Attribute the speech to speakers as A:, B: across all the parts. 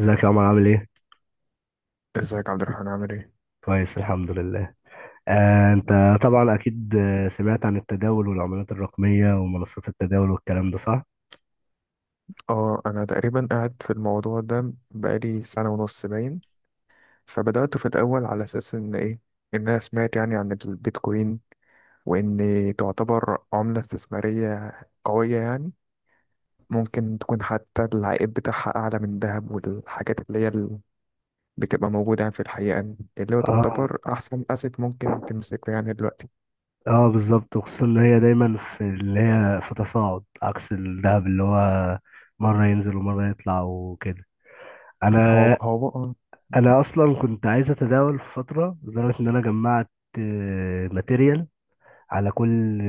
A: ازيك يا عمر عامل ايه؟
B: ازيك يا عبد الرحمن عامل ايه؟
A: كويس الحمد لله. آه، انت. طبعا اكيد، سمعت عن التداول والعملات الرقمية ومنصات التداول والكلام ده صح؟
B: اه انا تقريبا قاعد في الموضوع ده بقالي سنة ونص باين. فبدأت في الاول على اساس ان ايه، ان انا سمعت يعني عن البيتكوين، وان تعتبر عملة استثمارية قوية يعني، ممكن تكون حتى العائد بتاعها اعلى من الذهب والحاجات اللي هي اللي بتبقى موجودة يعني في الحقيقة، اللي هو
A: اه.
B: تعتبر احسن اسيت ممكن تمسكه يعني دلوقتي.
A: اه، بالظبط، وخصوصا ان هي دايما في اللي هي في تصاعد، عكس الذهب اللي هو مرة ينزل ومرة يطلع وكده.
B: هو
A: انا
B: هو
A: انا اصلا كنت عايز اتداول في فترة، لدرجة ان انا جمعت ماتيريال على كل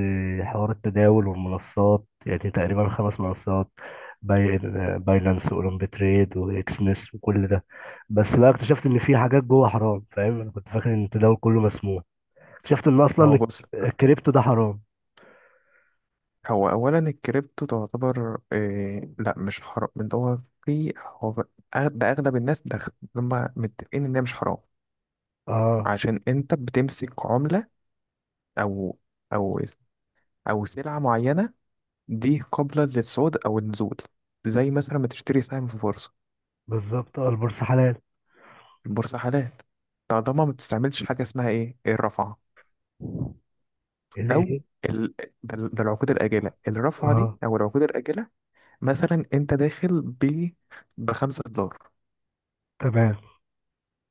A: حوار التداول والمنصات، يعني تقريبا خمس منصات. باي باينانس، واولمبي تريد، واكسنس، وكل ده. بس بقى اكتشفت ان في حاجات جوه حرام، فاهم؟ انا كنت فاكر ان التداول كله مسموح. اكتشفت ان اصلا
B: هو بص،
A: الكريبتو ده حرام.
B: هو اولا الكريبتو تعتبر إيه، لا مش حرام. من هو في هو ب- أغ- ده اغلب الناس ده هم متفقين ان هي مش حرام.
A: اه،
B: عشان انت بتمسك عملة، او او او سلعة معينة دي قابلة للصعود او النزول، زي مثلا ما تشتري سهم في بورصة.
A: بالظبط. اه، البورصه حلال.
B: البورصة حلال طالما ما بتستعملش حاجة اسمها ايه الرفعة، او
A: الايه؟
B: ال... ده ده العقود الآجلة، الرفعة دي
A: اه،
B: او العقود الآجلة. مثلا انت داخل بخمسة دولار،
A: تمام.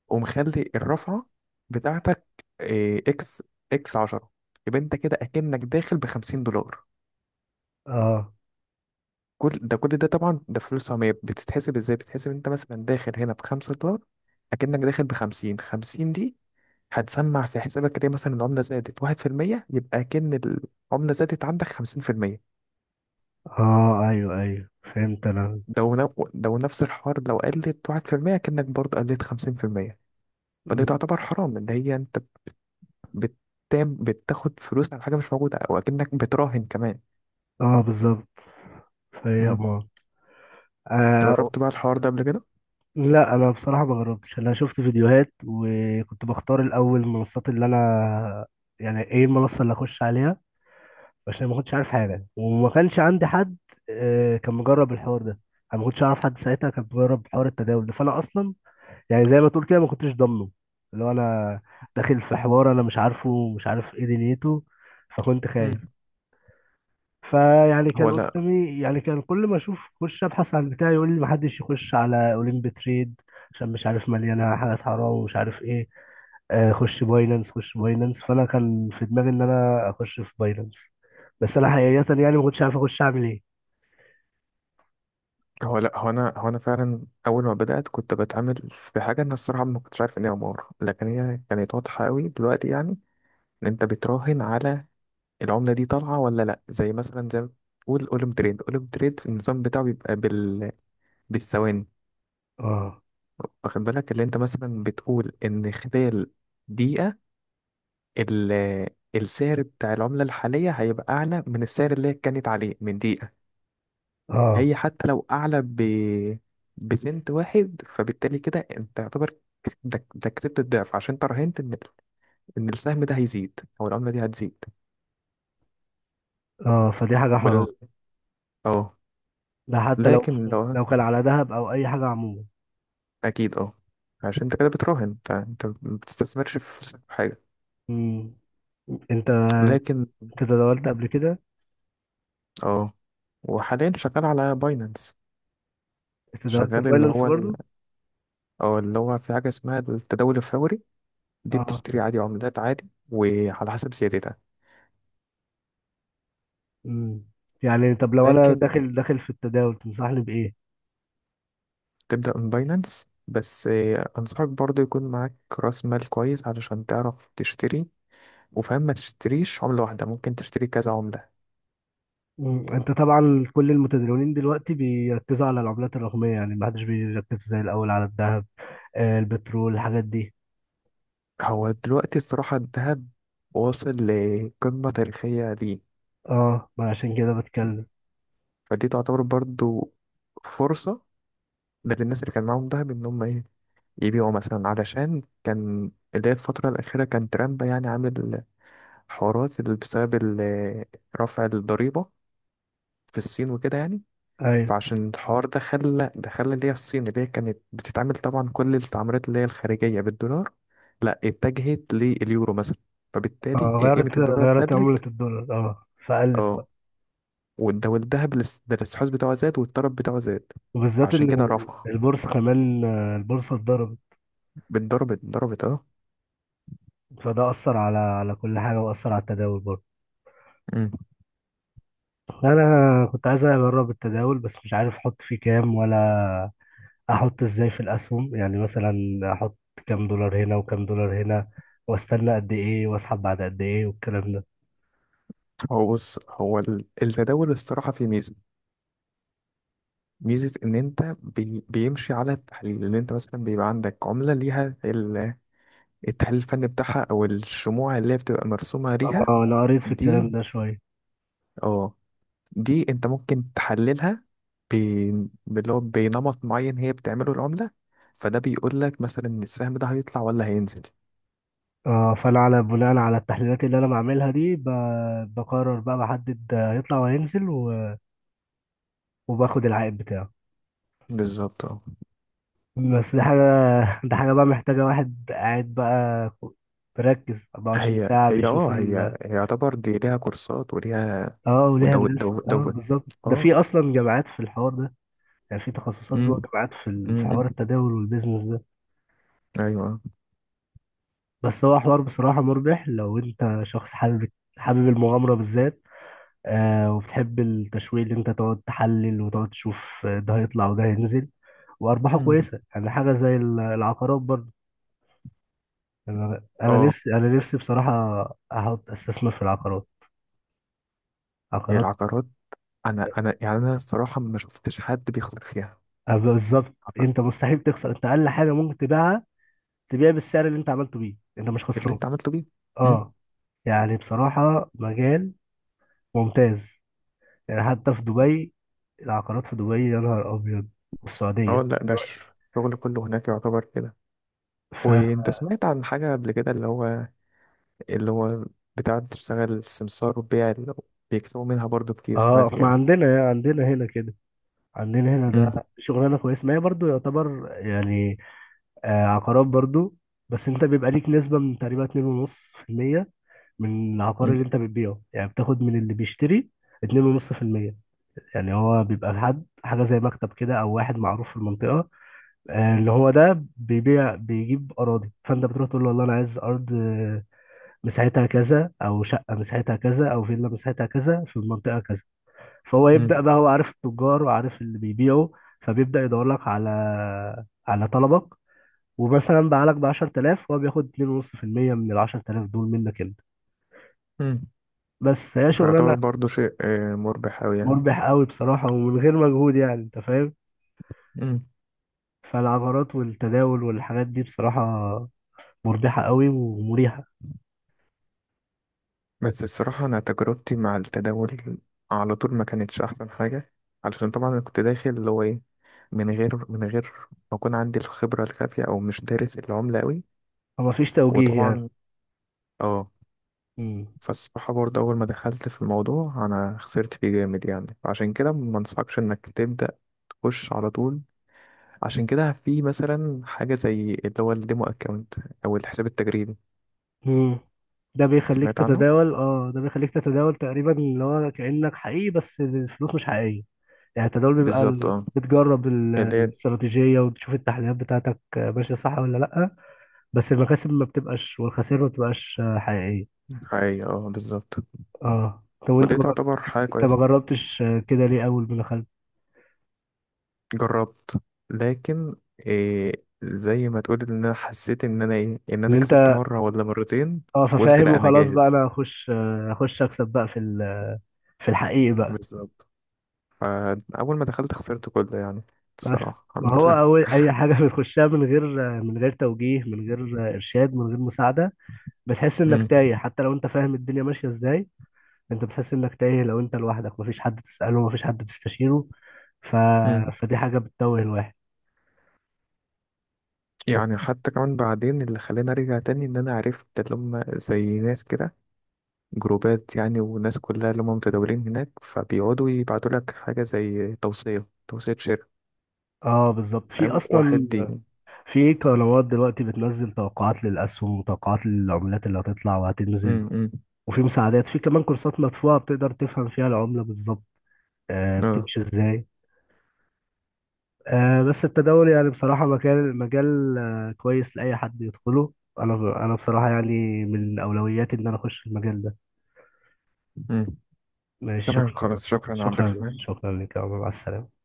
B: ومخلي الرفعة بتاعتك إيه، اكس 10، يبقى انت كده اكنك داخل ب 50 دولار.
A: اه.
B: كل ده طبعا، ده فلوس عمية. بتتحسب ازاي؟ بتتحسب انت مثلا داخل هنا ب 5 دولار، اكنك داخل ب 50. 50 دي هتسمع في حسابك ليه؟ مثلا العملة زادت 1%، يبقى اكن العملة زادت عندك 50%.
A: اه، ايوه ايوه، فهمت انا.
B: ده ونفس الحوار لو قلت 1%، اكنك برضه قلت 50%.
A: م.
B: فدي تعتبر حرام، اللي هي انت بتتاب بتاخد فلوس على حاجة مش موجودة وأكنك بتراهن كمان.
A: اه، بالظبط. فهي
B: مم.
A: امار. اه،
B: جربت بقى الحوار ده قبل كده؟
A: لا، انا بصراحه ما جربتش. انا شفت فيديوهات وكنت بختار الاول المنصات اللي انا، يعني ايه المنصه اللي اخش عليها، عشان ما كنتش عارف حاجه وما كانش عندي حد. كان مجرب الحوار ده. انا ما كنتش اعرف حد ساعتها كان مجرب حوار التداول ده، فانا اصلا يعني زي ما تقول كده ما كنتش ضامنه اللي هو انا داخل في حوار انا مش عارف ايه دنيته. فكنت خايف.
B: مم.
A: فيعني
B: هو
A: كان
B: لا
A: قدامي، يعني كان كل ما اشوف اخش ابحث عن بتاعي يقول لي ما حدش يخش على اولمب تريد، عشان مش عارف مليانه حاجات حرام ومش عارف ايه. خش باينانس خش باينانس. فانا كان في دماغي ان انا اخش في باينانس، بس انا حقيقه يعني ما كنتش عارف اخش اعمل ايه.
B: هو أنا فعلا أول ما بدأت كنت بتعامل في حاجة، أنا الصراحة ما كنتش عارف إن هي عمارة، لكن هي كانت واضحة أوي دلوقتي يعني. إن أنت بتراهن على العملة دي طالعة ولا لأ، زي مثلا زي ما بتقول أولم تريد. أولم تريد النظام بتاعه بيبقى بالثواني.
A: اه
B: واخد بالك اللي أنت مثلا بتقول إن خلال دقيقة ال السعر بتاع العملة الحالية هيبقى أعلى من السعر اللي هي كانت عليه من دقيقة.
A: اه
B: هي حتى لو أعلى بسنت واحد، فبالتالي كده أنت يعتبر كس- ده, ده كسبت الضعف، عشان انت راهنت إن السهم ده هيزيد أو العملة دي هتزيد.
A: اه، فدي حاجه حرام.
B: وال اه.
A: ده حتى لو
B: لكن لو
A: كان على ذهب او اي حاجه عموما.
B: أكيد، اه. عشان انت كده بتراهن، انت ما بتستثمرش فلوسك في حاجة.
A: مم. انت
B: لكن،
A: انت تداولت قبل كده؟
B: اه. وحاليا شغال على باينانس.
A: انت تداولت في
B: شغال اللي
A: باينانس
B: هو
A: برضو؟
B: أو اللي هو في حاجة اسمها التداول الفوري. دي
A: اه.
B: بتشتري عادي عملات عادي وعلى حسب زيادتها.
A: مم. يعني طب لو انا
B: لكن
A: داخل في التداول تنصحني بايه؟
B: تبدأ من باينانس بس. أنصحك برضو يكون معاك رأس مال كويس علشان تعرف تشتري. وفاهم، ما تشتريش عملة واحدة، ممكن تشتري كذا عملة.
A: مم. انت طبعا كل المتداولين دلوقتي بيركزوا على العملات الرقميه، يعني ما حدش بيركز زي الاول على الذهب، آه، البترول، الحاجات دي.
B: هو دلوقتي الصراحة الذهب واصل لقمة تاريخية دي.
A: اه، ما عشان كده بتكلم.
B: فدي تعتبر برضو فرصة، ده للناس اللي كان معاهم دهب إن هم إيه، يبيعوا مثلا. علشان كان اللي هي الفترة الأخيرة كان ترامب يعني عامل حوارات اللي رفع الضريبة في الصين وكده يعني.
A: ايوه.
B: فعشان الحوار ده خلى اللي هي الصين اللي هي كانت بتتعامل طبعا كل التعاملات اللي هي الخارجية بالدولار، لا اتجهت لليورو مثلا. فبالتالي
A: اه،
B: قيمة الدولار
A: غيرت عمله
B: قلت.
A: الدولار، اه، فقلت بقى.
B: اه. والذهب، الاس- ده الاستحواذ بتاعه زاد والطلب بتاعه زاد.
A: وبالذات
B: عشان
A: ان
B: كده رفع.
A: البورصه كمان، البورصه اتضربت.
B: بالضرب ضربت، اه.
A: فده اثر على كل حاجه، واثر على التداول برضه.
B: أمم.
A: انا كنت عايز اجرب التداول بس مش عارف احط فيه كام، ولا احط ازاي في الاسهم. يعني مثلا احط كام دولار هنا وكام دولار هنا، واستنى قد ايه، واسحب بعد قد ايه، والكلام ده.
B: هو بص، التداول الصراحة فيه ميزة، ميزة إن أنت بيمشي على التحليل، إن أنت مثلا بيبقى عندك عملة ليها التحليل الفني بتاعها أو الشموع اللي هي بتبقى مرسومة ليها.
A: اه، انا قريت في
B: دي
A: الكلام ده شويه.
B: اه دي أنت ممكن تحللها باللي هو بنمط معين هي بتعمله العملة. فده بيقول لك مثلا إن السهم ده هيطلع ولا هينزل.
A: اه، فانا على بناء على التحليلات اللي انا بعملها دي بقرر بقى، بحدد هيطلع وهينزل وباخد العائد بتاعه.
B: بالظبط، اه.
A: بس دي حاجه دي حاجه بقى محتاجه واحد قاعد بقى مركز 24
B: هي
A: ساعه
B: هي اه
A: بيشوف
B: هي هي يعتبر دي ليها كورسات وليها.
A: اه، وليها
B: ودو
A: ناس.
B: دو
A: اه،
B: دو
A: بالظبط، ده في
B: اه.
A: اصلا جامعات في الحوار ده، يعني في تخصصات
B: امم.
A: جوه الجامعات في في
B: امم.
A: حوار التداول والبيزنس ده.
B: ايوه.
A: بس هو حوار بصراحة مربح لو انت شخص حابب، المغامرة بالذات، آه، وبتحب التشويق، اللي انت تقعد تحلل وتقعد تشوف ده هيطلع وده هينزل، وارباحه
B: امم.
A: كويسة، يعني حاجة زي العقارات برضه. انا انا
B: اه.
A: نفسي انا نفسي بصراحة استثمر في العقارات،
B: هي
A: عقارات.
B: العقارات، انا يعني الصراحه ما شفتش حد بيخسر فيها.
A: بالظبط،
B: عارفة؟
A: انت مستحيل تخسر. انت اقل حاجة ممكن تبيعها، تبيع بالسعر اللي انت عملته بيه، انت مش
B: اللي
A: خسران.
B: انت عملته بيه. امم.
A: اه، يعني بصراحة مجال ممتاز، يعني حتى في دبي، العقارات في دبي يا نهار ابيض،
B: اه،
A: والسعوديه
B: لا، ده
A: دلوقتي.
B: الشغل كله هناك يعتبر كده.
A: ف
B: وانت سمعت عن حاجه قبل كده اللي هو بتاع بتشتغل السمسار وبيع، اللي هو بيكسبوا منها برضو كتير،
A: اه،
B: سمعت
A: ما
B: كده؟
A: عندنا هنا كده. عندنا هنا
B: امم.
A: ده شغلانه كويسه، ما هي برضو يعتبر يعني، آه، عقارات برضو. بس انت بيبقى ليك نسبه من تقريبا 2.5% من العقار اللي انت بتبيعه، يعني بتاخد من اللي بيشتري 2.5%. يعني هو بيبقى حد حاجه زي مكتب كده، او واحد معروف في المنطقه، آه، اللي هو ده بيبيع بيجيب اراضي، فانت بتروح تقول له والله انا عايز ارض مساحتها كذا، او شقه مساحتها كذا، او فيلا مساحتها كذا في المنطقه كذا. فهو
B: امم.
A: يبدا بقى، هو عارف التجار وعارف اللي بيبيعوا. فبيبدا يدور لك على طلبك، ومثلا باعلك ب 10,000، هو بياخد 2.5% من ال 10,000 دول منك انت.
B: امم.
A: بس فهي
B: فيعتبر
A: شغلانه
B: برضو شيء، مربح أوي.
A: مربح قوي بصراحه، ومن غير مجهود، يعني انت فاهم.
B: يعني.
A: فالعقارات والتداول والحاجات دي بصراحه مربحه قوي ومريحه.
B: بس الصراحة أنا تجربتي مع التداول على طول ما كانتش أحسن حاجة. علشان طبعا أنا كنت داخل اللي هو إيه، من غير ما أكون عندي الخبرة الكافية، أو مش دارس العملة أوي.
A: ومفيش توجيه، يعني.
B: وطبعا، اه.
A: مم.
B: فالصراحة برضه أول ما دخلت في الموضوع أنا خسرت فيه جامد يعني. عشان كده ما أنصحكش إنك تبدأ تخش على طول. عشان كده في مثلا حاجة زي اللي هو الديمو أكاونت أو الحساب التجريبي.
A: مم. ده بيخليك
B: سمعت عنه؟
A: تتداول تقريبا اللي هو كأنك حقيقي، بس الفلوس مش حقيقية. يعني التداول بيبقى
B: بالظبط، اه.
A: بتجرب
B: اللي هي
A: الاستراتيجية، وتشوف التحليلات بتاعتك ماشية صح ولا لأ. بس المكاسب ما بتبقاش والخسائر ما بتبقاش حقيقية.
B: حقيقة، اه، بالظبط.
A: اه، طب وانت
B: ودي
A: ما جر-
B: تعتبر حاجة
A: انت ما
B: كويسة.
A: جربتش كده ليه اول ما دخلت؟
B: جربت. لكن إيه، زي ما تقول ان انا حسيت ان انا ايه ان
A: ان
B: انا كسبت
A: انت،
B: مره ولا مرتين.
A: اه،
B: قلت
A: ففاهم
B: لا، انا
A: وخلاص بقى
B: جاهز.
A: انا هخش، هخش اكسب بقى في في الحقيقي بقى.
B: بالظبط. فاول ما دخلت خسرت كله يعني.
A: بس
B: الصراحه
A: ما
B: الحمد
A: هو
B: لله.
A: أول أي حاجة بتخشها من غير توجيه، من غير إرشاد، من غير مساعدة، بتحس إنك
B: مم.
A: تايه. حتى لو أنت فاهم الدنيا ماشية إزاي، أنت بتحس إنك تايه لو أنت لوحدك، مفيش حد تسأله، مفيش حد تستشيره. ف...
B: مم.
A: فدي حاجة بتتوه الواحد. بس.
B: يعني حتى كمان بعدين اللي خلاني ارجع تاني ان انا عرفت اللي هم زي ناس كده. جروبات يعني، وناس كلها اللي هم متداولين هناك، فبيقعدوا يبعتوا لك حاجه زي توصيه شركه.
A: اه، بالظبط. في
B: فاهم
A: اصلا،
B: واحد دي.
A: في قنوات دلوقتي بتنزل توقعات للاسهم وتوقعات للعملات اللي هتطلع وهتنزل.
B: امم.
A: وفي مساعدات، في كمان كورسات مدفوعة بتقدر تفهم فيها العملة بالظبط، آه،
B: اه.
A: بتمشي ازاي. آه، بس التداول يعني بصراحة مجال كويس لأي حد يدخله. أنا بصراحة يعني من أولوياتي إن أنا أخش المجال ده.
B: مم.
A: ماشي،
B: تمام
A: شكرا.
B: خلاص، شكرا يا عبد
A: شكرا
B: الرحمن.
A: شكرا لك يا عمر، مع السلامة.